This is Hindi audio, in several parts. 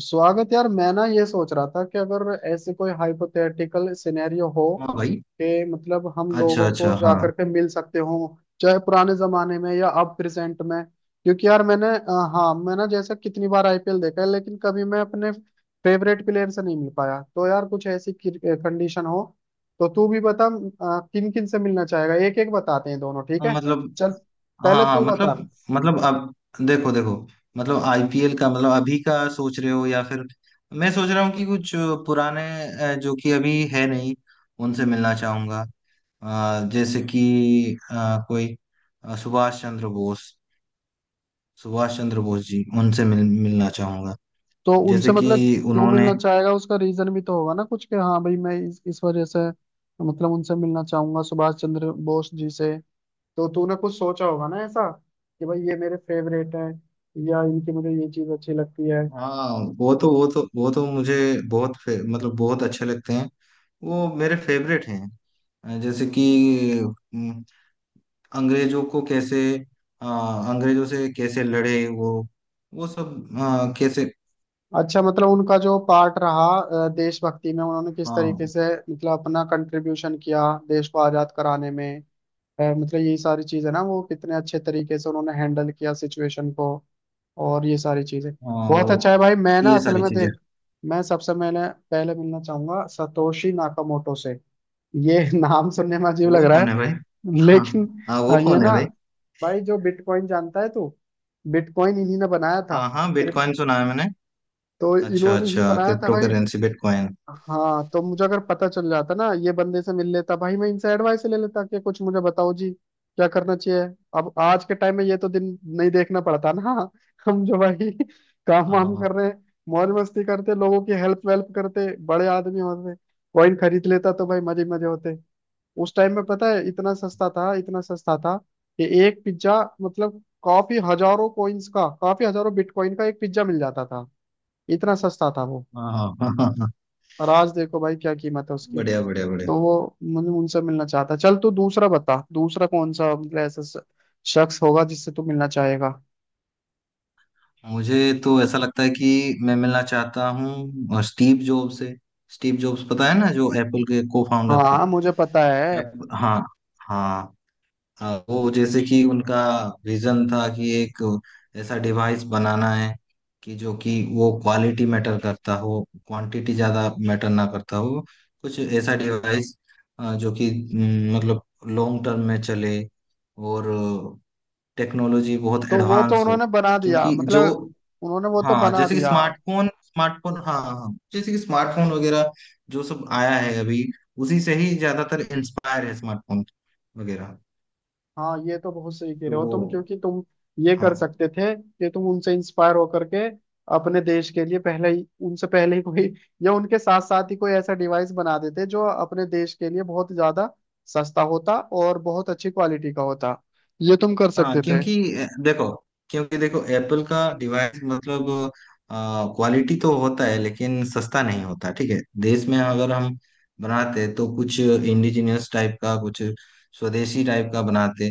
स्वागत यार। मैं ना ये सोच रहा था कि अगर ऐसे कोई हाइपोथेटिकल सिनेरियो हो हाँ भाई। कि मतलब हम अच्छा लोगों को अच्छा हाँ। जाकर के मिल सकते हो, चाहे पुराने जमाने में या अब प्रेजेंट में। क्योंकि यार मैंने हाँ, मैं ना जैसा कितनी बार आईपीएल देखा है, लेकिन कभी मैं अपने फेवरेट प्लेयर से नहीं मिल पाया। तो यार कुछ ऐसी कंडीशन हो तो तू भी बता किन किन से मिलना चाहेगा। एक एक बताते हैं दोनों, ठीक हाँ, है? मतलब। चल, हाँ पहले हाँ तू बता। मतलब। मतलब अब देखो देखो। मतलब आईपीएल का मतलब अभी का सोच रहे हो या फिर मैं सोच रहा हूँ कि कुछ पुराने, जो कि अभी है नहीं, उनसे मिलना चाहूंगा। जैसे कि अ, कोई सुभाष चंद्र बोस। सुभाष चंद्र बोस जी, उनसे मिलना चाहूंगा। तो जैसे उनसे कि मतलब क्यों उन्होंने। मिलना चाहेगा, उसका रीजन भी तो होगा ना कुछ, कि हाँ भाई मैं इस वजह से मतलब उनसे मिलना चाहूंगा सुभाष चंद्र बोस जी से। तो तूने कुछ सोचा होगा ना ऐसा कि भाई ये मेरे फेवरेट है या इनकी मुझे ये चीज अच्छी लगती है। हाँ, वो तो मुझे मतलब बहुत अच्छे लगते हैं। वो मेरे फेवरेट हैं। जैसे कि अम, अंग्रेजों को कैसे, अ, अंग्रेजों से कैसे लड़े वो सब कैसे। अच्छा, मतलब उनका जो पार्ट रहा देशभक्ति में, उन्होंने अ, किस अ, तरीके से मतलब अपना कंट्रीब्यूशन किया देश को आजाद कराने में। मतलब यही सारी चीज है ना, वो कितने अच्छे तरीके से उन्होंने हैंडल किया सिचुएशन को और ये सारी चीजें। बहुत अच्छा है वो, भाई। मैं ना ये असल सारी में चीजें। देख, मैं सबसे मैंने पहले मिलना चाहूंगा सतोशी नाकामोटो से। ये नाम सुनने में अजीब लग वो रहा कौन है है भाई? हाँ, लेकिन, हाँ वो हाँ, ये कौन है ना भाई? भाई, जो बिटकॉइन जानता है तू, बिटकॉइन इन्हीं ने बनाया था। हाँ हाँ, क्रिप- बिटकॉइन सुना है मैंने। तो अच्छा इन्होंने ही अच्छा, बनाया था क्रिप्टो भाई। Currency bitcoin. हाँ तो मुझे अगर पता चल जाता ना, ये बंदे से मिल लेता भाई, मैं इनसे एडवाइस ले लेता कि कुछ मुझे बताओ जी क्या करना चाहिए। अब आज के टाइम में ये तो दिन नहीं देखना पड़ता ना। हम जो भाई काम हाँ वाम कर हाँ। रहे हैं, मौज मस्ती करते, लोगों की हेल्प वेल्प करते, बड़े आदमी होते, कॉइन खरीद लेता तो भाई मजे मजे होते। उस टाइम में पता है इतना सस्ता था, इतना सस्ता था कि एक पिज्जा मतलब काफी हजारों कॉइन्स का, काफी हजारों बिटकॉइन का एक पिज्जा मिल जाता था। इतना सस्ता था वो। हाँ, हाँ, हाँ, हाँ। और आज देखो भाई क्या कीमत है उसकी। बढ़िया बढ़िया बढ़िया। तो वो मतलब उनसे मिलना चाहता। चल तू दूसरा बता, दूसरा कौन सा मतलब ऐसा शख्स होगा जिससे तू मिलना चाहेगा। मुझे तो ऐसा लगता है कि मैं मिलना चाहता हूँ स्टीव जॉब से। स्टीव जॉब्स, पता है ना, जो एप्पल के को फाउंडर थे। हाँ मुझे पता है। अब हाँ। हाँ। वो जैसे कि उनका विजन था कि एक ऐसा डिवाइस बनाना है कि जो कि वो क्वालिटी मैटर करता हो, क्वांटिटी ज्यादा मैटर ना करता हो। कुछ ऐसा डिवाइस जो कि मतलब लॉन्ग टर्म में चले, और टेक्नोलॉजी बहुत तो वो तो एडवांस हो। उन्होंने बना दिया क्योंकि जो, मतलब, उन्होंने वो तो हाँ बना जैसे कि दिया। Smartphone, smartphone. हाँ हाँ, जैसे कि स्मार्टफोन वगैरह जो सब आया है अभी, उसी से ही ज्यादातर इंस्पायर है स्मार्टफोन वगैरह। हाँ, ये तो बहुत सही कह रहे तो हो तुम, क्योंकि तुम ये हाँ कर सकते थे कि तुम उनसे इंस्पायर होकर के अपने देश के लिए पहले ही, उनसे पहले ही कोई या उनके साथ साथ ही कोई ऐसा डिवाइस बना देते जो अपने देश के लिए बहुत ज्यादा सस्ता होता और बहुत अच्छी क्वालिटी का होता। ये तुम कर हाँ। सकते थे। क्योंकि देखो, क्योंकि देखो एप्पल का डिवाइस मतलब क्वालिटी तो होता है लेकिन सस्ता नहीं होता, ठीक है। देश में अगर हम बनाते हैं, तो कुछ इंडिजिनियस टाइप का, कुछ स्वदेशी टाइप का बनाते।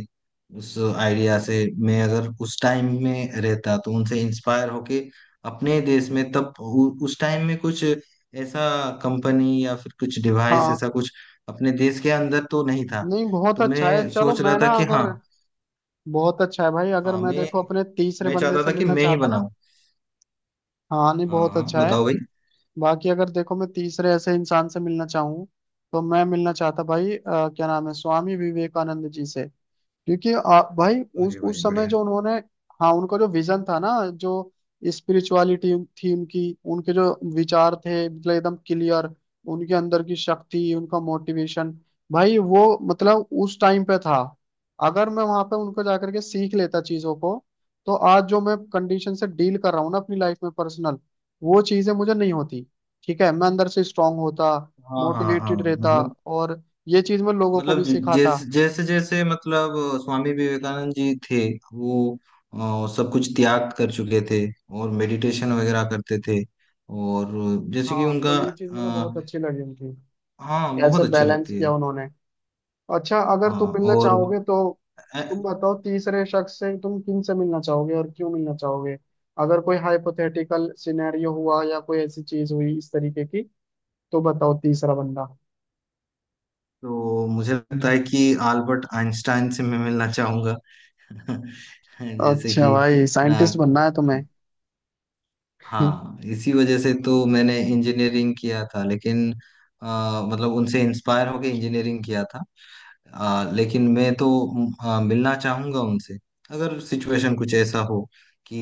उस आइडिया से, मैं अगर उस टाइम में रहता तो उनसे इंस्पायर होके अपने देश में तब उस टाइम में कुछ ऐसा कंपनी या फिर कुछ डिवाइस हाँ, ऐसा कुछ अपने देश के अंदर तो नहीं था। नहीं, बहुत तो अच्छा है। मैं चलो, सोच रहा मैं था ना कि अगर, हाँ। बहुत अच्छा है भाई, अगर हाँ, मैं मैं देखो अपने तीसरे मैं बंदे चाहता से था कि मिलना मैं ही चाहता ना, बनाऊं। हाँ नहीं हाँ बहुत हाँ अच्छा है। बताओ भाई। बाकी अगर देखो मैं तीसरे ऐसे इंसान से मिलना चाहूँ, तो मैं मिलना चाहता भाई, क्या नाम है, स्वामी विवेकानंद जी से। क्योंकि भाई अरे भाई उस समय बढ़िया। जो उन्होंने, हाँ उनका जो विजन था ना, जो स्पिरिचुअलिटी थी उनकी, उनके जो विचार थे मतलब एकदम क्लियर, उनके अंदर की शक्ति, उनका मोटिवेशन, भाई वो मतलब उस टाइम पे था। अगर मैं वहां पे उनको जाकर के सीख लेता चीजों को, तो आज जो मैं कंडीशन से डील कर रहा हूँ ना अपनी लाइफ में पर्सनल, वो चीजें मुझे नहीं होती। ठीक है, मैं अंदर से स्ट्रांग होता, हाँ हाँ हाँ। मोटिवेटेड मतलब। रहता और ये चीज मैं लोगों को मतलब, भी सिखाता। जैसे जैसे जैसे मतलब स्वामी विवेकानंद जी थे वो, सब कुछ त्याग कर चुके थे और मेडिटेशन वगैरह करते थे, और जैसे कि हाँ, तो उनका। ये चीज मुझे अ, बहुत अच्छी लगी उनकी, हाँ कैसे बहुत अच्छी बैलेंस लगती है। किया उन्होंने। अच्छा, अगर तुम हाँ मिलना और चाहोगे तो अ, तुम बताओ, तीसरे शख्स से तुम किन से मिलना चाहोगे और क्यों मिलना चाहोगे, अगर कोई हाइपोथेटिकल सिनेरियो हुआ या कोई ऐसी चीज हुई इस तरीके की। तो बताओ तीसरा बंदा। तो मुझे लगता है कि अल्बर्ट आइंस्टाइन से मैं मिलना चाहूंगा। जैसे अच्छा कि भाई, साइंटिस्ट अ, बनना है तुम्हें। हाँ, इसी वजह से तो मैंने इंजीनियरिंग किया था, लेकिन मतलब उनसे इंस्पायर होके इंजीनियरिंग किया था। लेकिन मैं तो मिलना चाहूंगा उनसे। अगर सिचुएशन कुछ ऐसा हो कि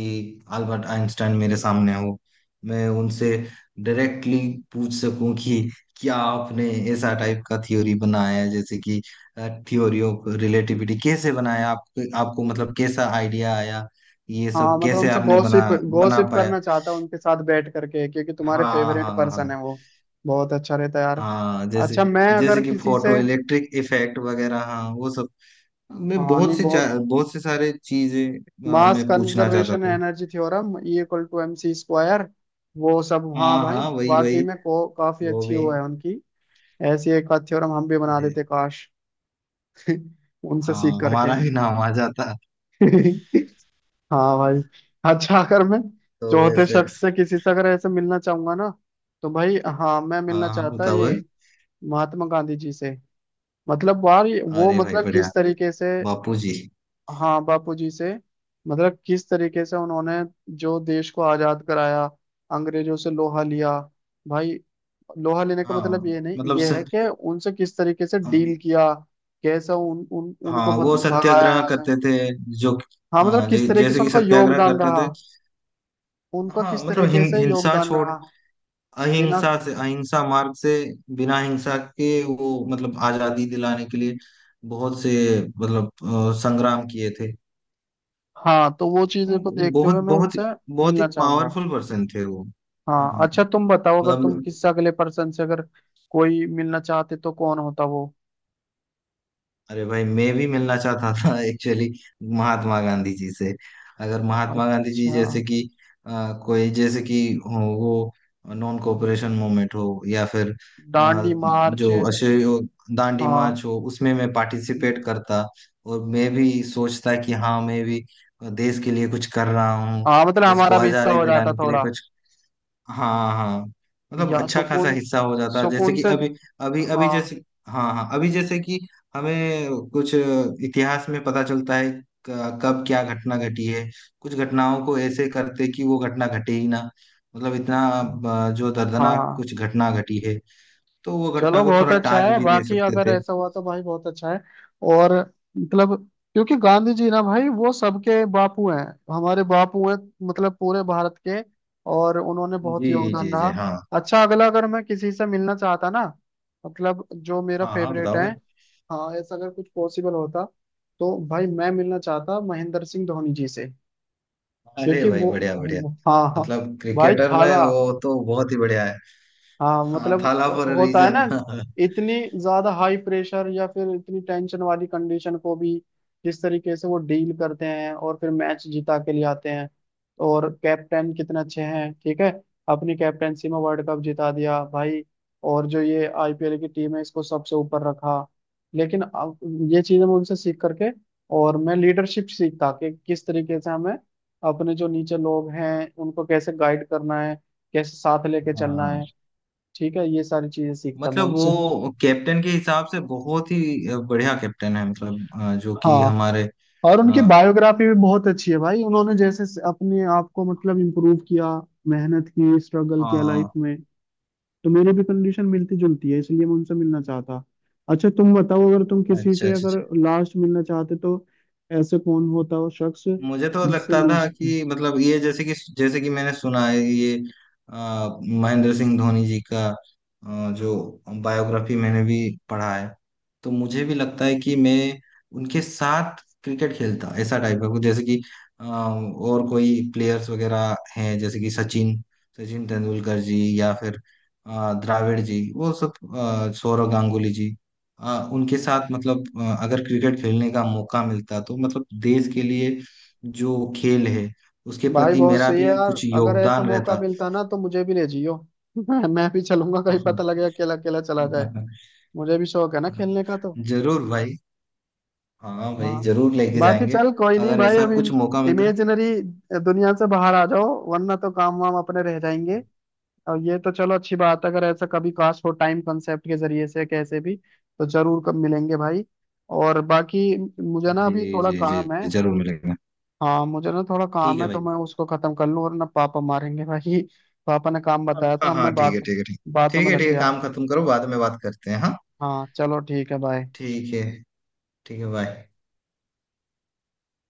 अल्बर्ट आइंस्टाइन मेरे सामने हो, मैं उनसे डायरेक्टली पूछ सकूं कि क्या आपने ऐसा टाइप का थ्योरी बनाया है, जैसे कि थ्योरी ऑफ रिलेटिविटी कैसे बनाया, आपको आपको मतलब कैसा आइडिया आया, ये हाँ सब मतलब कैसे उनसे आपने बना, गॉसिप बना गॉसिप पाया। करना चाहता हूँ उनके साथ बैठ करके, क्योंकि तुम्हारे हाँ फेवरेट हाँ पर्सन हाँ। है वो। बहुत अच्छा रहता है यार। हाँ जैसे, अच्छा, मैं अगर जैसे कि किसी से, फोटो इलेक्ट्रिक इफेक्ट वगैरह, हाँ वो सब। मैं हाँ नहीं बहुत, बहुत से सारे चीजें मास मैं पूछना चाहता कंजर्वेशन था। Energy theorem, E equal to M C square, वो सब, हाँ हाँ भाई हाँ वही वाकई वही, में काफी वो अच्छी भी। वो है उनकी। ऐसी एक आध थ्योरम हम भी बना जी। देते काश। उनसे सीख हाँ, करके। हमारा भी नाम आ जाता। हाँ भाई। अच्छा, अगर मैं तो चौथे वैसे। शख्स से किसी से अगर ऐसे मिलना चाहूंगा ना, तो भाई हाँ मैं मिलना हाँ हाँ चाहता बताओ भाई। ये महात्मा गांधी जी से। मतलब यार वो अरे भाई मतलब बढ़िया। किस तरीके से, बापू जी। हाँ बापूजी से। मतलब किस तरीके से उन्होंने जो देश को आजाद कराया, अंग्रेजों से लोहा लिया भाई। लोहा लेने का हाँ, मतलब ये नहीं, मतलब ये है सर। कि उनसे किस तरीके से डील किया, कैसा उन, उन उनको हाँ, वो भगाया सत्याग्रह यहाँ से। करते थे जो। हाँ मतलब हाँ किस तरीके जैसे से कि उनका सत्याग्रह योगदान करते रहा, थे। उनका हाँ किस मतलब तरीके से हिंसा योगदान छोड़, रहा। बिना, अहिंसा से, अहिंसा मार्ग से, बिना हिंसा के वो मतलब आजादी दिलाने के लिए बहुत से मतलब संग्राम किए थे। हाँ तो वो चीजें को देखते बहुत हुए मैं बहुत उनसे बहुत ही मिलना चाहूंगा। पावरफुल पर्सन थे वो। हाँ हाँ अच्छा, तुम बताओ अगर तुम मतलब। किस अगले पर्सन से अगर कोई मिलना चाहते तो कौन होता वो। अरे भाई मैं भी मिलना चाहता था एक्चुअली, महात्मा गांधी जी से। अगर महात्मा गांधी जी अच्छा, जैसे कि अ, कोई, जैसे कि हो, वो नॉन कोऑपरेशन मूवमेंट हो या फिर अ, डांडी मार्च। जो अशोक दांडी हाँ मार्च हो, उसमें मैं पार्टिसिपेट करता और मैं भी सोचता कि हाँ, मैं भी देश के लिए कुछ कर रहा हूँ, हाँ मतलब देश को हमारा भी हिस्सा आजादी हो जाता दिलाने के लिए थोड़ा, कुछ। हाँ हाँ मतलब या अच्छा खासा सुकून, हिस्सा हो जाता है। जैसे सुकून कि से, अभी, अभी अभी हाँ जैसे, हाँ हाँ, अभी जैसे कि हमें कुछ इतिहास में पता चलता है, कब क्या घटना घटी है, कुछ घटनाओं को ऐसे करते कि वो घटना घटे ही ना। मतलब इतना जो दर्दनाक हाँ। कुछ घटना घटी है, तो वो घटना चलो को बहुत थोड़ा अच्छा टाल है। भी दे बाकी सकते अगर थे। ऐसा हुआ तो भाई बहुत अच्छा है। और मतलब क्योंकि गांधी जी ना भाई वो सबके बापू हैं, हमारे बापू हैं, मतलब पूरे भारत के। और उन्होंने बहुत जी योगदान जी रहा। जी। हाँ अच्छा अगला, अगर मैं किसी से मिलना चाहता ना, मतलब जो मेरा हाँ हाँ फेवरेट बताओ है, भाई। हाँ ऐसा अगर कुछ पॉसिबल होता, तो भाई मैं मिलना चाहता महेंद्र सिंह धोनी जी से। अरे क्योंकि भाई वो, बढ़िया बढ़िया। हाँ हाँ मतलब भाई क्रिकेटर में थाला। वो तो बहुत ही बढ़िया है। हाँ हाँ, मतलब थाला फॉर होता है रीजन। ना, इतनी ज्यादा हाई प्रेशर या फिर इतनी टेंशन वाली कंडीशन को भी जिस तरीके से वो डील करते हैं और फिर मैच जिता के लिए आते हैं। और कैप्टन कितने अच्छे हैं, ठीक है। अपनी कैप्टनसी में वर्ल्ड कप जिता दिया भाई। और जो ये आईपीएल की टीम है, इसको सबसे ऊपर रखा। लेकिन अब ये चीजें मैं उनसे सीख करके, और मैं लीडरशिप सीखता कि किस तरीके से हमें अपने जो नीचे लोग हैं उनको कैसे गाइड करना है, कैसे साथ लेके चलना हाँ है। ठीक है, ये सारी चीजें सीखता मैं मतलब उनसे। वो कैप्टन के हिसाब से बहुत ही बढ़िया कैप्टन है, मतलब जो कि हाँ, हमारे और उनकी अ, बायोग्राफी भी बहुत अच्छी है भाई, उन्होंने जैसे से अपने आप को मतलब इम्प्रूव किया, मेहनत की, स्ट्रगल किया लाइफ हाँ। में। तो मेरी भी कंडीशन मिलती जुलती है, इसलिए मैं उनसे मिलना चाहता। अच्छा तुम बताओ, अगर तुम किसी अच्छा से अच्छा अगर अच्छा। लास्ट मिलना चाहते तो ऐसे कौन होता हो शख्स मुझे तो जिससे लगता मिलना था चाहते। कि मतलब ये जैसे कि, जैसे कि मैंने सुना है ये महेंद्र सिंह धोनी जी का जो बायोग्राफी मैंने भी पढ़ा है। तो मुझे भी लगता है कि मैं उनके साथ क्रिकेट खेलता, ऐसा टाइप का कुछ। जैसे कि और कोई प्लेयर्स वगैरह हैं, जैसे कि सचिन, सचिन तेंदुलकर जी, या फिर द्राविड़ जी, वो सब सौरव गांगुली जी, उनके साथ मतलब अगर क्रिकेट खेलने का मौका मिलता तो मतलब देश के लिए जो खेल है उसके भाई प्रति बहुत मेरा सही है भी यार। कुछ अगर ऐसा योगदान मौका रहता। मिलता ना, तो मुझे भी ले जियो। मैं भी चलूंगा, कहीं पता लगे अकेला अकेला चला जाए। हाँ, मुझे भी शौक है ना खेलने का तो। जरूर भाई। हाँ भाई, हाँ। जरूर लेके बाकी जाएंगे चल कोई नहीं अगर भाई, ऐसा अभी कुछ मौका मिलता है। इमेजिनरी दुनिया से बाहर आ जाओ, वरना तो काम वाम अपने रह जाएंगे। और ये तो चलो अच्छी बात है, अगर ऐसा कभी काश हो टाइम कंसेप्ट के जरिए से कैसे भी, तो जरूर कब मिलेंगे भाई। और बाकी मुझे ना जी अभी थोड़ा जी जी काम है। जी, जरूर मिलेगा। हाँ मुझे ना थोड़ा ठीक काम है है तो भाई। मैं उसको खत्म कर लूँ, वरना पापा मारेंगे भाई। पापा ने काम हाँ बताया था, हाँ अब हाँ, मैं ठीक बात है ठीक है ठीक। बातों ठीक में है लग ठीक है, गया। काम खत्म करो, बाद में बात करते हैं। हाँ हाँ चलो ठीक है, बाय। ठीक है। ठीक है बाय।